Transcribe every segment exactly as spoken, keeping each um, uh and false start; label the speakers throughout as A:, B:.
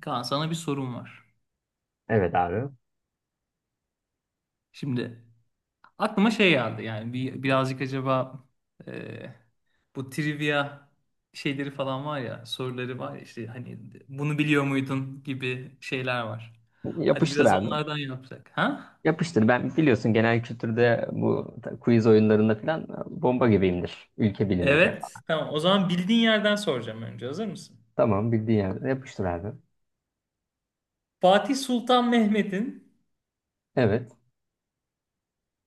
A: Kaan, sana bir sorum var.
B: Evet abi.
A: Şimdi aklıma şey geldi, yani bir, birazcık acaba, e, bu trivia şeyleri falan var ya, soruları var ya, işte hani bunu biliyor muydun gibi şeyler var. Hadi
B: Yapıştır
A: biraz
B: abi.
A: onlardan yapsak. Ha?
B: Yapıştır. Ben biliyorsun genel kültürde bu ta- quiz oyunlarında falan bomba gibiyimdir. Ülke bilineceğim.
A: Evet. Tamam, o zaman bildiğin yerden soracağım. Önce hazır mısın?
B: Tamam bildiğin yerde yapıştır abi.
A: Fatih Sultan Mehmet'in
B: Evet.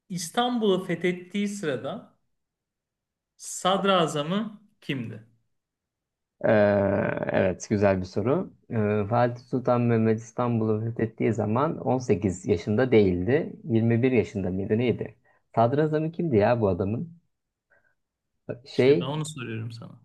A: İstanbul'u fethettiği sırada sadrazamı kimdi?
B: Ee, evet güzel bir soru. Ee, Fatih Sultan Mehmet İstanbul'u fethettiği zaman on sekiz yaşında değildi. yirmi bir yaşında mıydı neydi? Sadrazamı kimdi ya bu adamın?
A: İşte ben
B: Şey
A: onu soruyorum sana.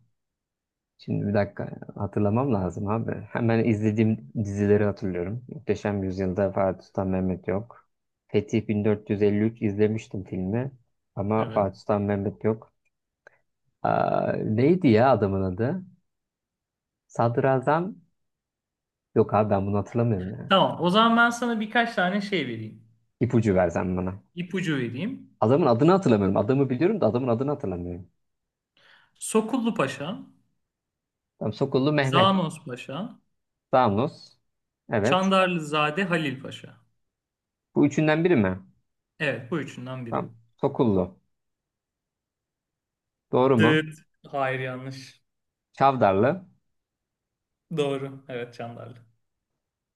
B: Şimdi bir dakika hatırlamam lazım abi. Hemen izlediğim dizileri hatırlıyorum. Muhteşem Yüzyıl'da Fatih Sultan Mehmet yok. Fetih bin dört yüz elli üç izlemiştim filmi. Ama
A: Evet.
B: Fatih Sultan Mehmet yok. Aa, neydi ya adamın adı? Sadrazam. Yok abi ben bunu hatırlamıyorum ya.
A: Tamam, o zaman ben sana birkaç tane şey vereyim.
B: İpucu versen bana.
A: İpucu vereyim.
B: Adamın adını hatırlamıyorum. Adamı biliyorum da adamın adını hatırlamıyorum.
A: Sokullu Paşa,
B: Tamam Sokullu Mehmet.
A: Zanos Paşa,
B: Damlos. Evet.
A: Çandarlızade Halil Paşa.
B: Bu üçünden biri mi?
A: Evet, bu üçünden biri.
B: Tamam. Sokullu. Doğru mu?
A: Dıt. Hayır, yanlış.
B: Çavdarlı.
A: Doğru. Evet, Çandarlı.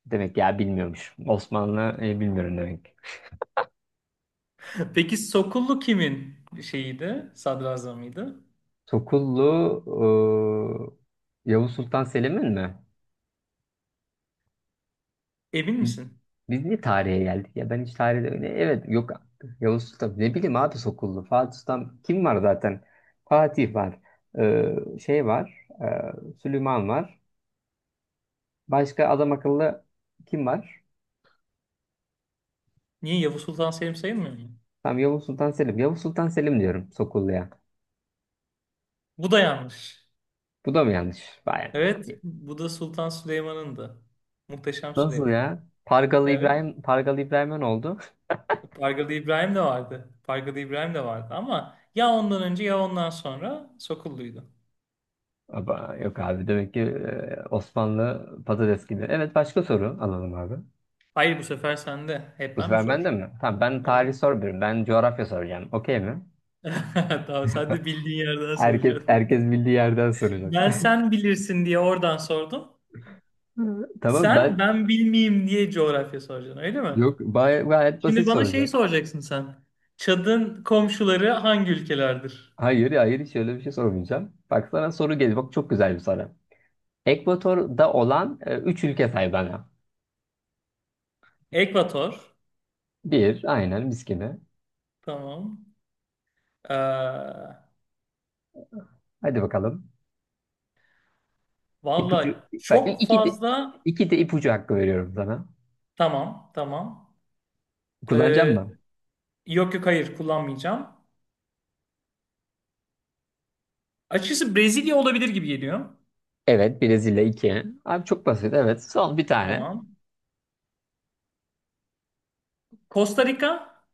B: Demek ya bilmiyormuş. Osmanlı e, bilmiyorum demek.
A: Peki Sokullu kimin şeyiydi? Sadrazamıydı.
B: Sokullu e, Yavuz Sultan Selim'in mi?
A: Emin
B: Biz
A: misin?
B: biz niye tarihe geldik ya? Ben hiç tarihte öyle evet yok. Yavuz Sultan ne bileyim abi Sokullu. Fatih Sultan kim var zaten? Fatih var. E, şey var. e, Süleyman var. Başka adam akıllı kim var?
A: Niye, Yavuz Sultan Selim sayılmıyor mu?
B: Tamam Yavuz Sultan Selim. Yavuz Sultan Selim diyorum Sokullu'ya.
A: Bu da yanlış.
B: Bu da mı yanlış? Vay
A: Evet,
B: be.
A: bu da Sultan Süleyman'ındı. Muhteşem
B: Nasıl
A: Süleyman'ın.
B: ya? Pargalı
A: Evet.
B: İbrahim, Pargalı İbrahim'e ne oldu?
A: Pargalı İbrahim de vardı. Pargalı İbrahim de vardı ama ya ondan önce ya ondan sonra Sokullu'ydu.
B: Aba, yok abi demek ki e, Osmanlı patates gibi. Evet başka soru alalım abi.
A: Hayır, bu sefer sende. Hep
B: Bu
A: ben mi
B: sefer bende
A: soracağım?
B: mi? Tamam ben tarih
A: Evet.
B: sormuyorum. Ben coğrafya soracağım. Okey mi?
A: Tamam, sen de bildiğin yerden
B: Herkes
A: soracaksın.
B: herkes bildiği yerden soracak.
A: Ben, sen bilirsin diye oradan sordum.
B: Tamam
A: Sen,
B: ben
A: ben bilmeyeyim diye coğrafya soracaksın öyle mi?
B: yok bay- gayet
A: Şimdi
B: basit
A: bana şeyi
B: soracağım.
A: soracaksın sen. Çad'ın komşuları hangi ülkelerdir?
B: Hayır hayır hiç öyle bir şey sormayacağım. Bak sana soru geliyor. Bak çok güzel bir soru. Ekvator'da olan e, üç ülke say bana.
A: Ekvator.
B: Bir aynen mis gibi.
A: Tamam. Ee,
B: Hadi bakalım. İpucu.
A: valla
B: Bak
A: çok
B: iki de,
A: fazla.
B: iki de ipucu hakkı veriyorum sana.
A: Tamam, tamam.
B: Kullanacağım
A: Ee,
B: mı?
A: yok yok, hayır, kullanmayacağım. Açıkçası Brezilya olabilir gibi geliyor.
B: Evet Brezilya iki. Abi çok basit evet. Son bir tane.
A: Tamam. Costa Rica.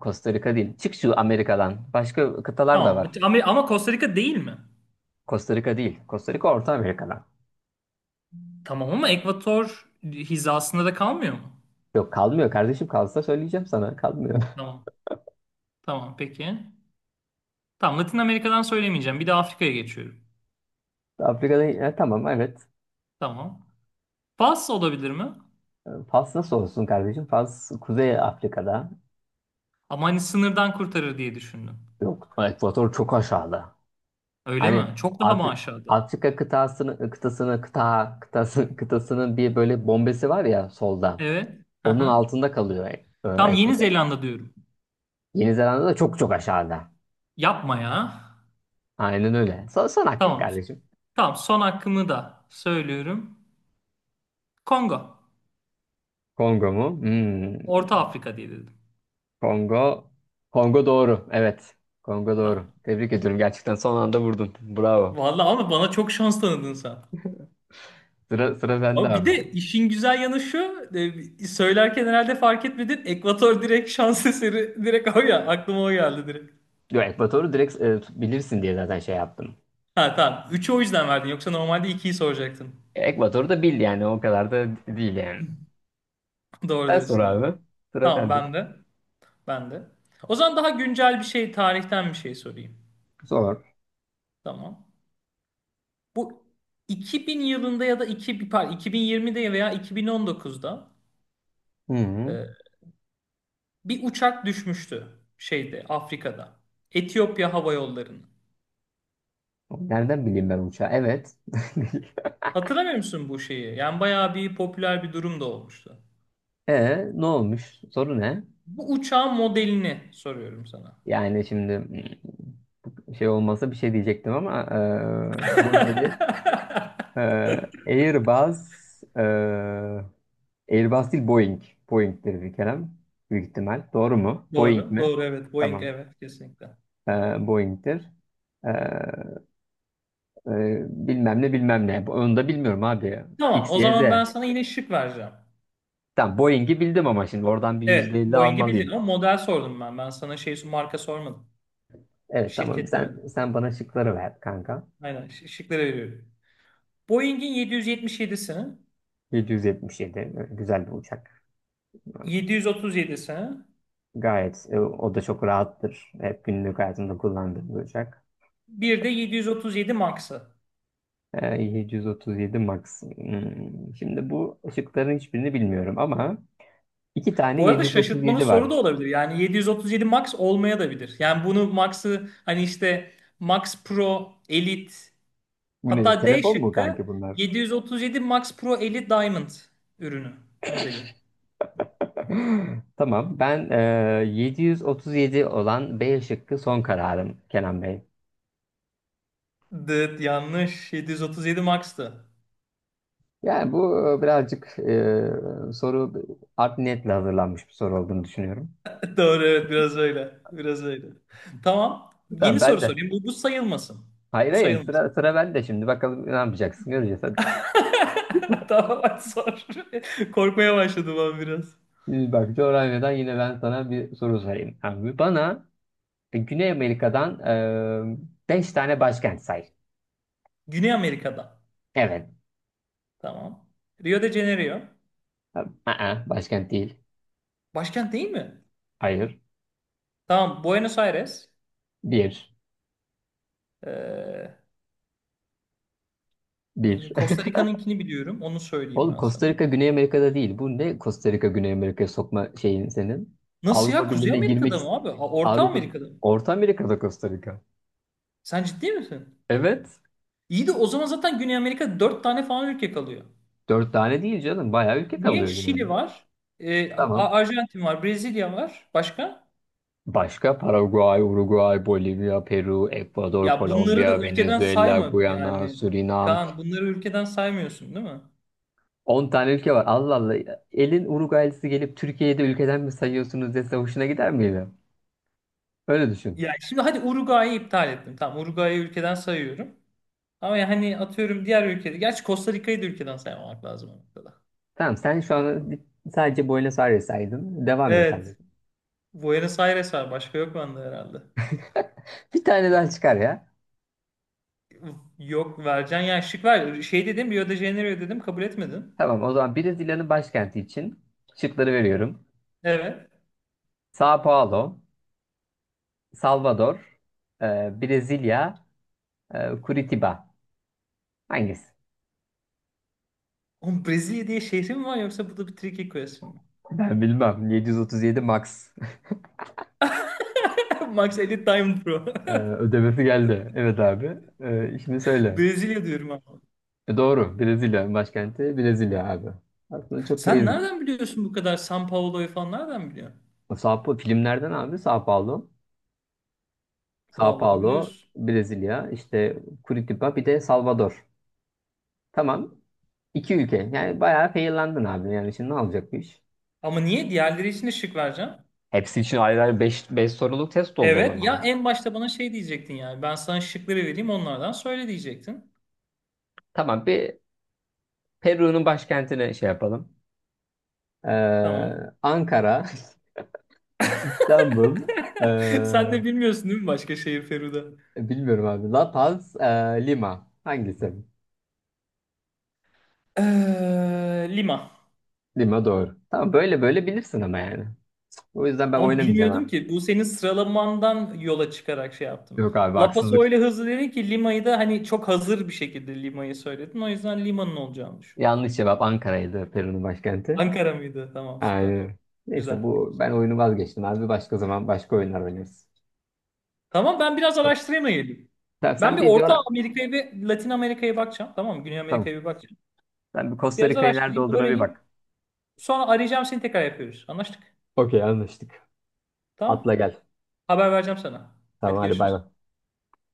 B: Costa Rica değil. Çık şu Amerika'dan. Başka kıtalar da
A: Tamam
B: var.
A: ama, ama Costa Rica değil mi?
B: Costa Rica değil. Costa Rica Orta Amerika'dan.
A: Tamam ama Ekvator hizasında da kalmıyor mu?
B: Yok kalmıyor kardeşim kalsa söyleyeceğim sana. Kalmıyor.
A: Tamam. Tamam, peki. Tamam, Latin Amerika'dan söylemeyeceğim. Bir de Afrika'ya geçiyorum.
B: Afrika'dan e, tamam evet.
A: Tamam. Fas olabilir mi?
B: E, Fas nasıl olsun kardeşim? Fas Kuzey Afrika'da.
A: Ama hani sınırdan kurtarır diye düşündüm.
B: Yok Ekvator çok aşağıda.
A: Öyle
B: Hani
A: mi? Çok daha mı
B: Afri-
A: aşağıda?
B: Afrika kıtasını kıtasını kıta kıtası kıtasının bir böyle bombesi var ya solda.
A: Evet.
B: Onun
A: Aha.
B: altında kalıyor e, e,
A: Tamam, Yeni
B: Ekvator.
A: Zelanda diyorum.
B: Yeni Zelanda da çok çok aşağıda.
A: Yapma ya.
B: Aynen öyle. Son, son hakkın
A: Tamam.
B: kardeşim.
A: Tamam, son hakkımı da söylüyorum. Kongo.
B: Kongo mu? Hmm.
A: Orta Afrika diye dedim.
B: Kongo. Kongo doğru. Evet. Kongo doğru.
A: Tamam.
B: Tebrik ediyorum. Gerçekten son anda vurdun. Bravo.
A: Vallahi ama bana çok şans tanıdın sen.
B: Sıra, sıra bende
A: Ama bir
B: abi.
A: de işin güzel yanı şu, e, söylerken herhalde fark etmedin. Ekvator, direkt şans eseri, direkt o ya, aklıma o geldi direkt.
B: Yo, Ekvador'u direkt e, bilirsin diye zaten şey yaptım.
A: Ha, tamam. üçü o yüzden verdin, yoksa normalde ikiyi soracaktın.
B: Ekvador'u da bil yani. O kadar da değil yani.
A: Doğru
B: Sen sor
A: diyorsun, aynen.
B: abi. Sıra
A: Tamam,
B: sende.
A: ben de. Ben de. O zaman daha güncel bir şey, tarihten bir şey sorayım.
B: Sor.
A: Tamam. Bu iki bin yılında ya da iki, pardon, iki bin yirmide veya iki bin on dokuzda
B: Hı hı.
A: e, bir uçak düşmüştü şeyde, Afrika'da. Etiyopya Hava Yolları'nın.
B: Nereden bileyim ben uçağı? Evet.
A: Hatırlamıyor musun bu şeyi? Yani bayağı bir popüler bir durum da olmuştu.
B: E ne olmuş? Soru ne?
A: Bu uçağın modelini soruyorum sana.
B: Yani şimdi hmm, şey olmasa bir şey diyecektim ama e, modeli. Ee, Airbus, ee, Airbus değil Boeing. Boeing'tir bir kere. Büyük ihtimal. Doğru mu? Boeing
A: Doğru,
B: mi?
A: doğru evet. Boeing,
B: Tamam.
A: evet, kesinlikle.
B: Ee, Boeing'tir. Ee, e, bilmem ne bilmem ne. Onu da bilmiyorum abi.
A: Tamam,
B: X,
A: o
B: Y, Z.
A: zaman ben sana yine şık vereceğim.
B: Tamam Boeing'i bildim ama şimdi oradan bir
A: Evet,
B: yüzde elli
A: Boeing'i bildin
B: almalıyım.
A: ama model sordum ben. Ben sana şey, marka sormadım.
B: Evet tamam
A: Şirket
B: sen
A: demedim.
B: sen bana şıkları ver kanka.
A: Aynen, şi- şıkları veriyorum. Boeing'in yedi yüz yetmiş yedisini,
B: yedi yedi yedi böyle güzel bir uçak.
A: yedi otuz yedisini,
B: Gayet e, o da çok rahattır. Hep günlük hayatımda kullandığım bir uçak.
A: bir de yedi yüz otuz yedi Max'ı.
B: Ee, yedi otuz yedi Max. Hmm, Şimdi bu ışıkların hiçbirini bilmiyorum ama iki tane
A: Bu arada şaşırtmalı
B: yedi yüz otuz yedi
A: soru
B: var.
A: da olabilir. Yani yedi otuz yedi Max olmaya da bilir. Yani bunu Max'ı, hani işte Max Pro Elite,
B: Bu ne?
A: hatta D
B: Telefon mu
A: şıkkı
B: kanki bunlar?
A: yedi yüz otuz yedi Max Pro Elite Diamond ürünü, modeli.
B: Tamam. Ben e, yedi yüz otuz yedi olan B şıkkı son kararım Kenan Bey.
A: Dıt, yanlış. yedi otuz yedi Max'tı.
B: Yani bu e, birazcık e, soru art niyetle hazırlanmış bir soru olduğunu düşünüyorum.
A: Doğru, evet, biraz öyle. Biraz öyle. Tamam.
B: Tamam
A: Yeni
B: ben
A: soru
B: de.
A: sorayım. Bu, bu sayılmasın.
B: Hayır
A: Bu
B: hayır
A: sayılmasın.
B: sıra, sıra bende şimdi. Bakalım ne yapacaksın göreceğiz hadi.
A: Tamam, hadi sor. Korkmaya başladım ben biraz.
B: Şimdi bak coğrafyadan yine ben sana bir soru sorayım. Abi bana E, Güney Amerika'dan e, beş tane başkent say.
A: Güney Amerika'da.
B: Evet.
A: Tamam. Rio de Janeiro.
B: Aa, başkent değil.
A: Başkent değil mi?
B: Hayır.
A: Tamam, Buenos Aires.
B: Bir.
A: Ee, e,
B: Bir.
A: Costa Rica'nınkini biliyorum. Onu söyleyeyim
B: Oğlum
A: ben sana.
B: Costa Rica Güney Amerika'da değil. Bu ne Costa Rica Güney Amerika'ya sokma şeyin senin?
A: Nasıl ya?
B: Avrupa
A: Kuzey
B: Birliği'ne girmek
A: Amerika'da mı
B: ist-
A: abi? Ha, Orta
B: Avrupa
A: Amerika'da mı?
B: Orta Amerika'da Costa Rica.
A: Sen ciddi misin?
B: Evet.
A: İyi de o zaman zaten Güney Amerika'da dört tane falan ülke kalıyor.
B: Dört tane değil canım. Bayağı ülke
A: Niye?
B: kalıyor Güney
A: Şili
B: Amerika.
A: var. e, A-
B: Tamam.
A: Arjantin var. Brezilya var. Başka?
B: Başka Paraguay, Uruguay, Bolivya, Peru, Ekvador,
A: Ya bunları da
B: Kolombiya,
A: ülkeden
B: Venezuela,
A: sayma.
B: Guyana,
A: Yani
B: Surinam,
A: Kaan, bunları ülkeden saymıyorsun değil mi?
B: On tane ülke var. Allah Allah. Elin Uruguaylısı gelip Türkiye'yi de ülkeden mi sayıyorsunuz dese hoşuna gider miydi? Öyle düşün.
A: Ya şimdi, hadi, Uruguay'ı iptal ettim. Tamam, Uruguay'ı ülkeden sayıyorum. Ama yani atıyorum diğer ülkede. Gerçi Costa Rica'yı da ülkeden saymamak lazım o noktada.
B: Tamam sen şu an bir- sadece Buenos Aires saydın. Devam et
A: Evet.
B: kardeşim.
A: Buenos Aires var. Başka yok bende herhalde.
B: Bir tane daha çıkar ya.
A: Yok, vereceksin. Yani şık ver. Şey dedim, Rio de Janeiro dedim. Kabul etmedin.
B: Tamam o zaman Brezilya'nın başkenti için şıkları veriyorum.
A: Evet.
B: São Paulo, Salvador, e, Brezilya, e, Curitiba. Hangisi?
A: Oğlum, Brezilya diye şehri mi var, yoksa bu da bir tricky question mi?
B: Ben bilmem. yedi yüz otuz yedi Max.
A: Max Edit Time Pro.
B: E, ödemesi geldi. Evet abi. E, şimdi söyle.
A: Brezilya diyorum ama.
B: E doğru. Brezilya başkenti Brezilya abi. Aslında çok
A: Sen
B: basic.
A: nereden biliyorsun bu kadar, São Paulo'yu falan nereden biliyorsun?
B: Sao Paulo filmlerden abi Sao Paulo. Sao
A: Vallahi
B: Paulo,
A: biliyorsun.
B: Brezilya, işte Curitiba bir de Salvador. Tamam. İki ülke. Yani bayağı feyirlandın abi. Yani şimdi ne olacak bu iş?
A: Ama niye? Diğerleri için de şık vereceğim.
B: Hepsi için ayrı ayrı beş beş soruluk test oldu o
A: Evet. Ya
B: zaman.
A: en başta bana şey diyecektin yani. Ben sana şıkları vereyim, onlardan söyle diyecektin.
B: Tamam bir Peru'nun başkentine şey yapalım.
A: Tamam.
B: Ee, Ankara, İstanbul, ee,
A: Sen de bilmiyorsun değil mi başka şehir, Feruda?
B: bilmiyorum abi. La Paz, ee, Lima. Hangisi?
A: Ee, Lima.
B: Lima doğru. Tamam böyle böyle bilirsin ama yani. O yüzden ben
A: Ama
B: oynamayacağım
A: bilmiyordum
B: ha.
A: ki. Bu senin sıralamandan yola çıkarak şey yaptım.
B: Yok abi
A: La Paso
B: haksızlık.
A: öyle hızlı dedin ki, Lima'yı da hani çok hazır bir şekilde Lima'yı söyledin. O yüzden Lima'nın olacağını düşündüm.
B: Yanlış cevap Ankara'ydı Peru'nun başkenti.
A: Ankara mıydı? Tamam, süper.
B: Aynen. Neyse
A: Güzel.
B: bu ben oyunu vazgeçtim abi. Başka zaman başka oyunlar oynarız.
A: Tamam, ben biraz
B: Tamam.
A: araştırayım da
B: Sen,
A: ben
B: sen
A: bir
B: bir
A: Orta
B: coğra-.
A: Amerika'ya ve Latin Amerika'ya bakacağım. Tamam mı? Güney
B: Tamam.
A: Amerika'ya bir bakacağım.
B: Sen bir Costa
A: Biraz
B: Rica'yı nerede
A: araştırayım,
B: olduğuna bir
A: öğreneyim.
B: bak.
A: Sonra arayacağım seni, tekrar yapıyoruz. Anlaştık.
B: Okey anlaştık. Atla
A: Tamam.
B: gel.
A: Haber vereceğim sana. Hadi
B: Tamam hadi bay
A: görüşürüz.
B: bay.